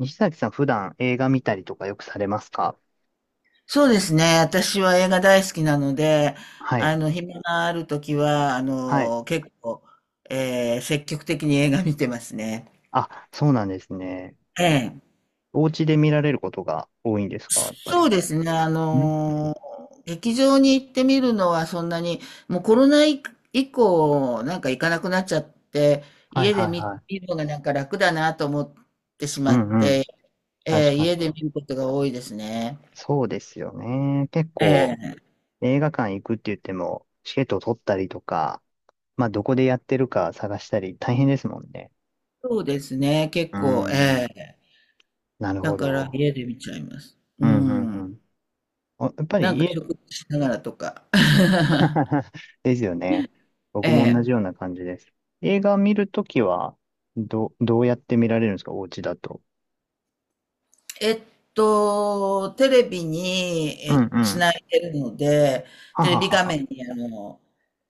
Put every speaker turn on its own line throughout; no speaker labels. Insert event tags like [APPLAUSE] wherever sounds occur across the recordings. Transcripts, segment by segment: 西崎さん、普段映画見たりとかよくされますか。
そうですね。私は映画大好きなので、
はい。
暇があるときは、
はい。
結構、積極的に映画見てますね。
あ、そうなんですね。
ええ。
お家で見られることが多いんですかやっぱ
そう
り。
ですね。
うん。
劇場に行ってみるのはそんなに、もうコロナ以降、なんか行かなくなっちゃって、
はい
家
は
で
い
見、
はい。
見るのがなんか楽だなと思ってし
う
まっ
んうん。
て、
確
ええ、
か
家
に
で見
ね。
ることが多いですね。
そうですよね。結
え
構
え。
映画館行くって言っても、チケットを取ったりとか、まあどこでやってるか探したり大変ですもんね。
そうですね。結
うー
構、え
ん。
え。
なる
だ
ほ
から
ど。
家で見ちゃいます。
う
う
んうん
ん。
うん。おやっぱ
な
り
んか
家、
食事しながらとか。[LAUGHS]
[LAUGHS] ですよね。
え
僕も同
え。
じような感じです。映画見るときは、どうやって見られるんですかお家だと。
えっテレビに、
うんう
つ
ん。
ないでるので、
は
テレ
は
ビ
は
画
は。
面に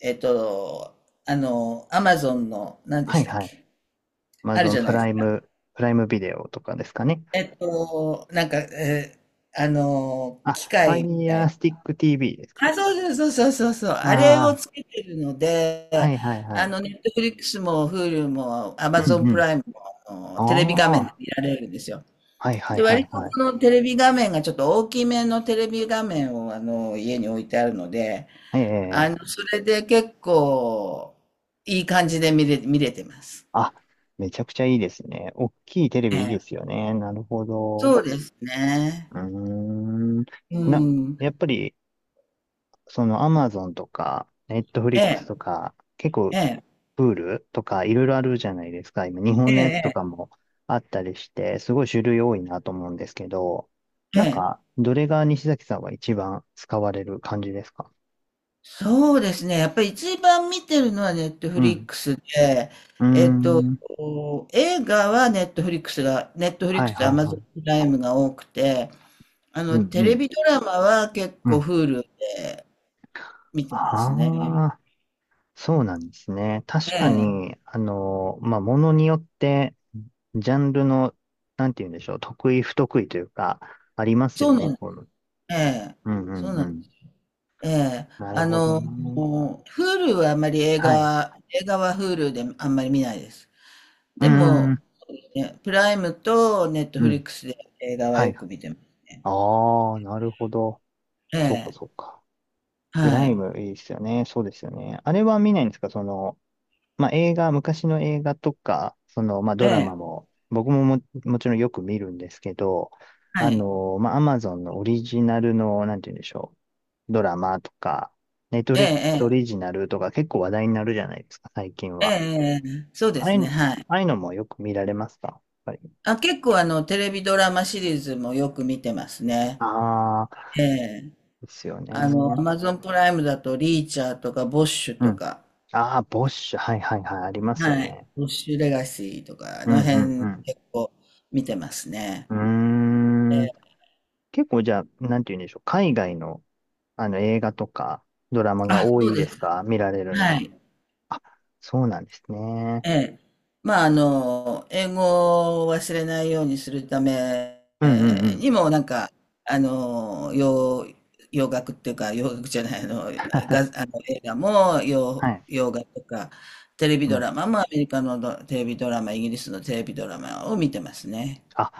えっと、アマゾンの、何で
は
し
い
たっ
はい。
け？あるじ
Amazon
ゃな
プ
いです
ラ
か。
イム、プライムビデオとかですかね。
なんか、
あ、
機械みた
Fire
い。
Stick TV ですか。
あ、そうそうそうそうそうそう。
あ
あれを
あー、
つけてるの
は
で、
いはいはい。
ネットフリックスも、Hulu も、
う
Amazon
んう
プ
ん。
ライムも、あのテレビ画
あ
面で
あ、
見られるんですよ。
はいは
で、
いはい
割とこ
はい。
のテレビ画面がちょっと大きめのテレビ画面を、家に置いてあるので、
ええ、
それで結構、いい感じで見れてます。
あ、めちゃくちゃいいですね。大きいテレ
え
ビいい
え。
ですよね。なるほど。
そうですね。
うーん。
う
な、
ん。
やっぱりそのアマゾンとか、ネットフリ
え
ックス
え、
とか、結構、
ええ、
プールとかいろいろあるじゃないですか。今、日
え
本のやつと
え、
かもあったりして、すごい種類多いなと思うんですけど、
え
なん
え。ええ、
か、どれが西崎さんは一番使われる感じですか。
そうですね、やっぱり一番見てるのはネット
う
フリッ
ん。
クスで、
うー
えっと、
ん。
映画はネットフリックスがネットフリッ
は
ク
い
スと
はいは
Amazon
い。
プライムが多くて、
うん
テ
う
レ
ん。
ビドラマは結
う
構
ん。
Hulu で見てます
あ
ね。
あ、そうなんですね。
え
確か
え、
に、あの、まあ、ものによって、ジャンルの、なんて言うんでしょう、得意不得意というか、あります
そ
よ
う
ね。
なん
こ
ええ、
うんう
そう
ん
な
う
ん
ん。
ええ、
なるほどね。
Hulu はあまり映
はい。う
画、映画は Hulu であんまり見ないです。
ー
で
ん、
も、ね、プライムとネット
う
フリック
ん。
スで映画は
はい。
よく見てます。
ああ、なるほど。
え
そうか、そう
え、
か。プ
は
ライ
い。
ムいいですよね。そうですよね。あれは見ないんですかその、まあ、映画、昔の映画とか、その、まあ、
え
ドラ
え、
マも、僕もも、もちろんよく見るんですけど、
は
あ
い。
の、まあ、アマゾンのオリジナルの、なんて言うんでしょう。ドラマとか、ネットフ
え
リックスオ
え、
リジナルとか結構話題になるじゃないですか、最近
ええ、え
は。
え、ええ、そう
あ
で
あ
す
い
ね、
う、
はい。
ああいうのもよく見られますかやっぱり。
あ、結構テレビドラマシリーズもよく見てますね。
ああ、
ええ。
ですよね。
アマゾンプライムだと、リーチャーとか、ボッシュ
う
と
ん。
か、
ああ、ボッシュ。はいはいはい。ありますよ
はい。
ね。
ボッシュレガシーとか、あ
うん
の
う
辺
ん
結構見てますね。
う
え
ん。うーん。
え。
結構じゃあ、なんて言うんでしょう。海外の、あの映画とかドラマが
あ、
多
そう
いで
で
す
す。
か見られるの
は
は。
い。
あ、そうなんですね。
ええ。まあ、英語を忘れないようにするため
うんうんうん。
にも、なんか、あの、洋、洋楽っていうか、洋楽じゃない、あの、が、あの映画も
は
洋、
い。
洋楽とか、テレビ
う
ド
ん。
ラマもアメリカのテレビドラマ、イギリスのテレビドラマを見てますね。
あ、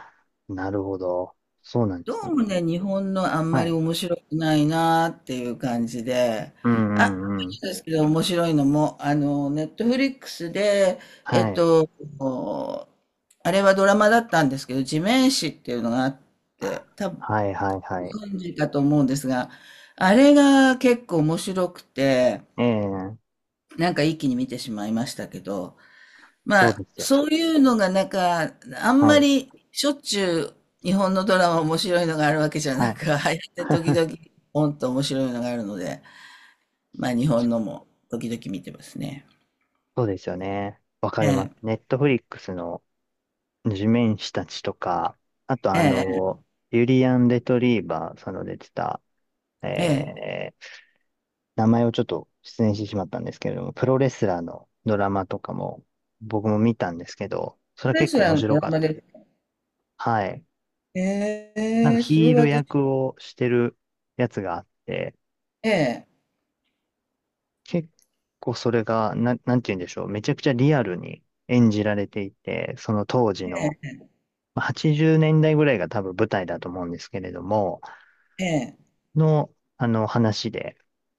なるほど。そうなんで
ど
す
う
ね。
もね、日本のあん
は
まり
い。
面白くないなーっていう感じで、
うん
あ、
うんうん。
そうですけど面白いのも、ネットフリックスで、え
は
っ
い。
と、あれはドラマだったんですけど、地面師っていうのがあって、多分
はいはいはい。
ご存知かと思うんですが、あれが結構面白くて、
ええ、
なんか一気に見てしまいましたけど、ま
そう
あ、
ですよ。
そういうのがなんか、あん
は
ま
い。
りしょっちゅう日本のドラマ面白いのがあるわけじゃ
は
な
い。
く、[LAUGHS] 入って時
[LAUGHS]
々、ポンと面白いのがあるので、まあ日本のも時々見てますね。
そうですよね。わか
え
ります。
え、
ネットフリックスの地面師たちとか、あとあ
ええ、
の、ユリアン・レトリーバー、その出てた、
ええ。
えー、名前をちょっと失念してしまったんですけれども、プロレスラーのドラマとかも僕も見たんですけど、それ
プ
は
レ
結
ス
構
ラ
面
ーの
白
ド
か
ラ
っ
マ
た。
で、
はい。
え
なんか
え、それ
ヒー
は
ル
私、
役をしてるやつがあって、
ええ、
結構それが、なんて言うんでしょう。めちゃくちゃリアルに演じられていて、その当時
え
の、80年代ぐらいが多分舞台だと思うんですけれども、
え、ええ、
の、あの話で、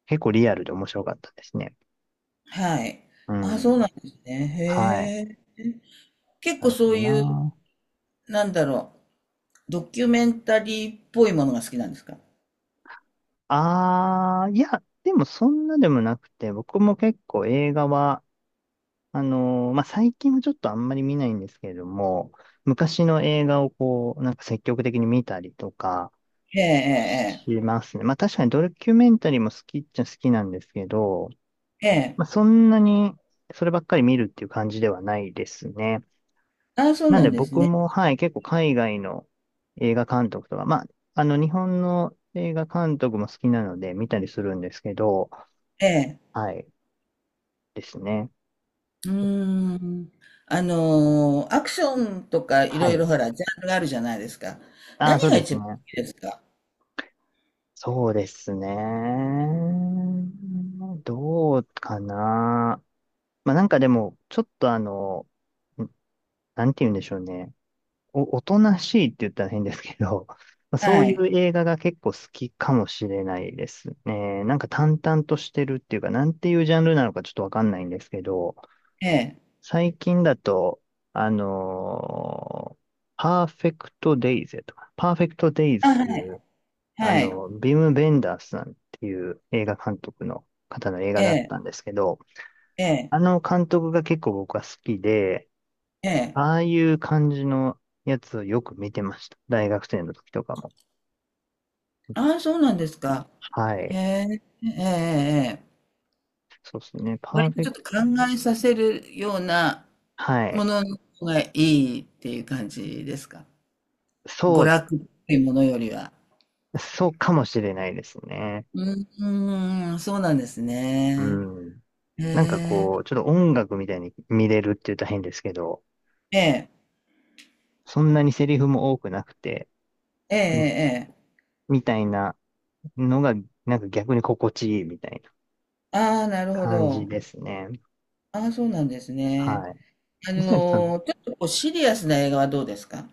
結構リアルで面白かったですね。
はい。
う
あ、そう
ん。
なんですね。
はい。
へえ。結
な
構
るほ
そう
ど
いう、
な。
なんだろう、ドキュメンタリーっぽいものが好きなんですか？
ああ、いや、でもそんなでもなくて、僕も結構映画は、まあ、最近はちょっとあんまり見ないんですけれども、昔の映画をこう、なんか積極的に見たりとか
ええ、
しますね。まあ確かにドキュメンタリーも好きっちゃ好きなんですけど、
ええ、ええ。
まあ、
ええ、
そんなにそればっかり見るっていう感じではないですね。
ああ、そう
なん
な
で
んです
僕
ね。
も、はい、結構海外の映画監督とか、まあ、あの、日本の映画監督も好きなので見たりするんですけど、
ええ。
はい、ですね。
うーん。アクションとかい
は
ろい
い。
ろほら、ジャンルがあるじゃないですか。
ああ、
何
そう
が
です
一
ね。
番好きですか？
そうですね。どうかな。まあ、なんかでも、ちょっとあの、んなんて言うんでしょうね。おとなしいって言ったら変ですけど、[LAUGHS] まあそ
は
うい
い。
う映画が結構好きかもしれないですね。なんか淡々としてるっていうか、なんていうジャンルなのかちょっとわかんないんですけど、
ええ。
最近だと、あのパーフェクトデイズとか、パーフェクトデイズ
あ、
って
は
い
い。
う、あ
はい。
の、ビム・ベンダースさんっていう映画監督の方の映
え
画だっ
え。
たんですけど、
ええ。
あの監督が結構僕は好きで、
ええ。
ああいう感じのやつをよく見てました。大学生の時とかも。
ああ、そうなんですか？
は
へ
い。
え。ええ。ええ。ええ、
そうですね。パー
割と
フェ
ちょ
ク
っと考
ト。
えさせるような
は
も
い。
のの方がいいっていう感じですか？
そ
娯
う、
楽っていうものよりは。
そうかもしれないですね。
うーん、そうなんです
う
ね。
ん。
へ
なんかこう、
え。
ちょっと音楽みたいに見れるって言ったら変ですけど、
ええ、
そんなにセリフも多くなくて、
えええ
うん
えええ、
みたいなのが、なんか逆に心地いいみたいな
ああ、なるほ
感じ
ど。
ですね。
ああ、そうなんですね。
はい。水谷さん、
ちょっとこうシリアスな映画はどうですか？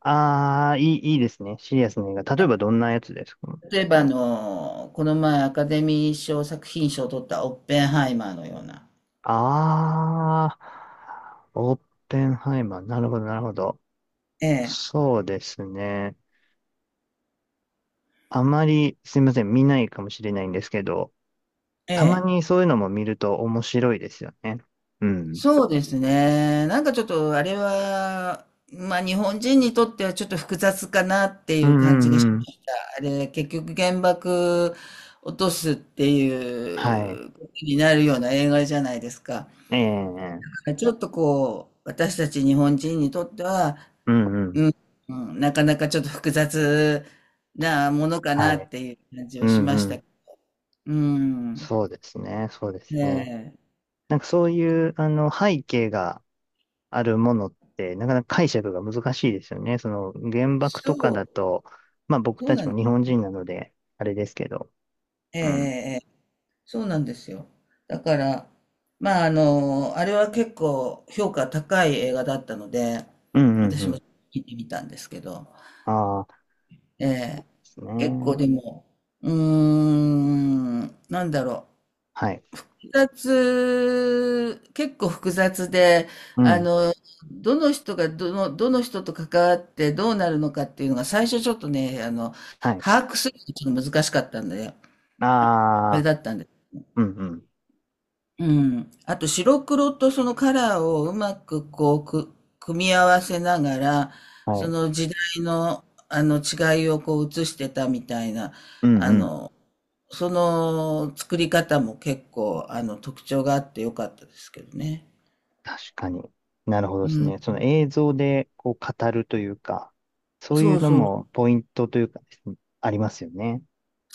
ああ、いいですね。シリアスな映画。例えばどんなやつですか。
例えばこの前アカデミー賞作品賞を取ったオッペンハイマーのような。
ああ、オッペンハイマー。なるほど、なるほど。
ええ、
そうですね。あまり、すいません、見ないかもしれないんですけど、
え
たま
え。
にそういうのも見ると面白いですよね。うん。
そうですね。なんかちょっとあれは、まあ日本人にとってはちょっと複雑かなって
う
い
ん
う感じ
う
がし
んう
ま
ん。
した。あれ、結局原爆落とすって
はい。
いうことになるような映画じゃないですか。
ええ。
ちょっとこう、私たち日本人にとっては、
うんうん。
うん、うん、なかなかちょっと複雑なものか
は
な
い。
っていう感じ
う
はしまし
んう
た。
ん。
うん。
そうですね、そうです
え
ね。
え。
なんかそういう、あの、背景があるものって、なかなか解釈が難しいですよね。その原爆
そ
とか
う、
だと、まあ僕
そう
たち
な、
も日本人なので、あれですけど。
ええ、
うん。
ええ、ええ、そうなんですよ。だから、まあ、あれは結構評価高い映画だったので、
うんうん
私
う
も
ん。
見てみたんですけど、
ああ、で
ええ、
す
結構
ね。
でも、うーん、なんだろう。
はい。
結構複雑で、
う
あ
ん。
の、どの人がどの人と関わってどうなるのかっていうのが最初ちょっとね、
はい。
把握するのがちょっと難しかったんで、
あ
あれ
あ、
だったんで。
うんうん。
うん。あと白黒とそのカラーをうまく組み合わせながら、
は
そ
い。
の時代のあの違いをこう映してたみたいな、
うん
あ
うん。
の、その作り方も結構特徴があってよかったですけどね。
確かに。なるほど
う
です
ん。
ね。その映像でこう語るというか、そうい
そ
う
う
の
そう、
もポイントというかですね、ありますよね。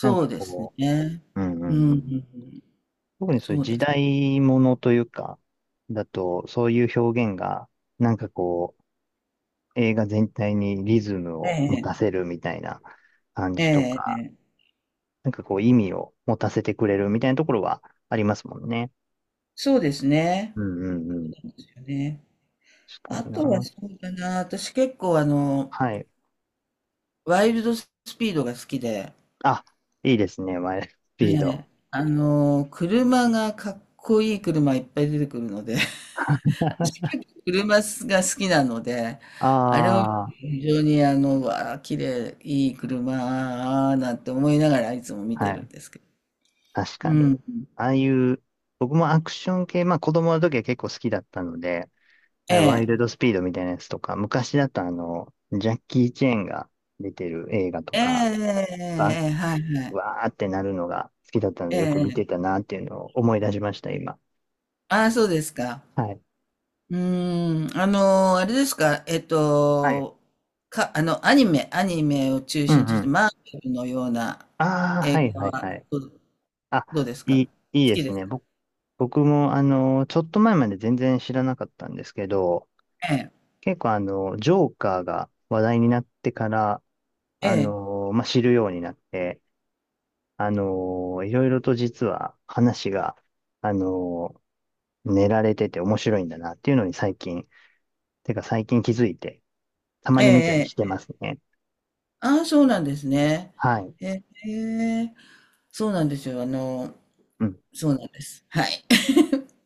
なんか
うです
こ
ね。
う。うんう
う
ん
ん、う
うん。
ん、
特にそうい
そ
う
う
時
です。
代ものというか、だと、そういう表現が、なんかこう、映画全体にリズム
え
を持
え、
たせるみたいな感じと
ええ、
か、
ええ、
なんかこう、意味を持たせてくれるみたいなところはありますもんね。
そうですね。
うんうんうん。
そうですよね。
確か
あ
に
とは
な。
そうだな、私結構
はい。
ワイルドスピードが好きで、
あ、ですね、マイルドスピ
え
ード。
え、かっこいい車いっぱい出てくるので、[LAUGHS] 私結構車が好きなので、あれを
あ
非常にうわあ、綺麗、いい車なんて思いながらいつも見
あ、
て
は
るん
い。
ですけど。
確か
う
に。
ん。
ああいう、僕もアクション系、まあ子供の時は結構好きだったので、
え
はい、ワイ
え。
ルドスピードみたいなやつとか、昔だとあの、ジャッキー・チェーンが出てる映画と
ええ
か、
ええええ
バ
ええはいはい。
わーってなるのが好きだったの
え
で、
え
よく見
え
て
え。
たなっていうのを思い出しました、今。
ああ、そうですか？
はい。
うーん、あれですか？
はい。
アニメを中
うんう
心として、
ん。
マーベルのような
ああ、
映
はい
画
はいは
は
い。
どう、
あ、
どうですか好
いいで
き
す
ですか？
ね。僕もあの、ちょっと前まで全然知らなかったんですけど、
ええ、
結構あの、ジョーカーが話題になってから、
え
あ
え、
の、まあ、知るようになって、あのいろいろと実は話が、あの練られてて面白いんだなっていうのに最近、てか最近気づいて、たま
ええ、
に見たりして
ええ。
ますね。
ああ、そうなんですね。
はい。
ええ、そうなんですよ。
うん
そうなんです。はい。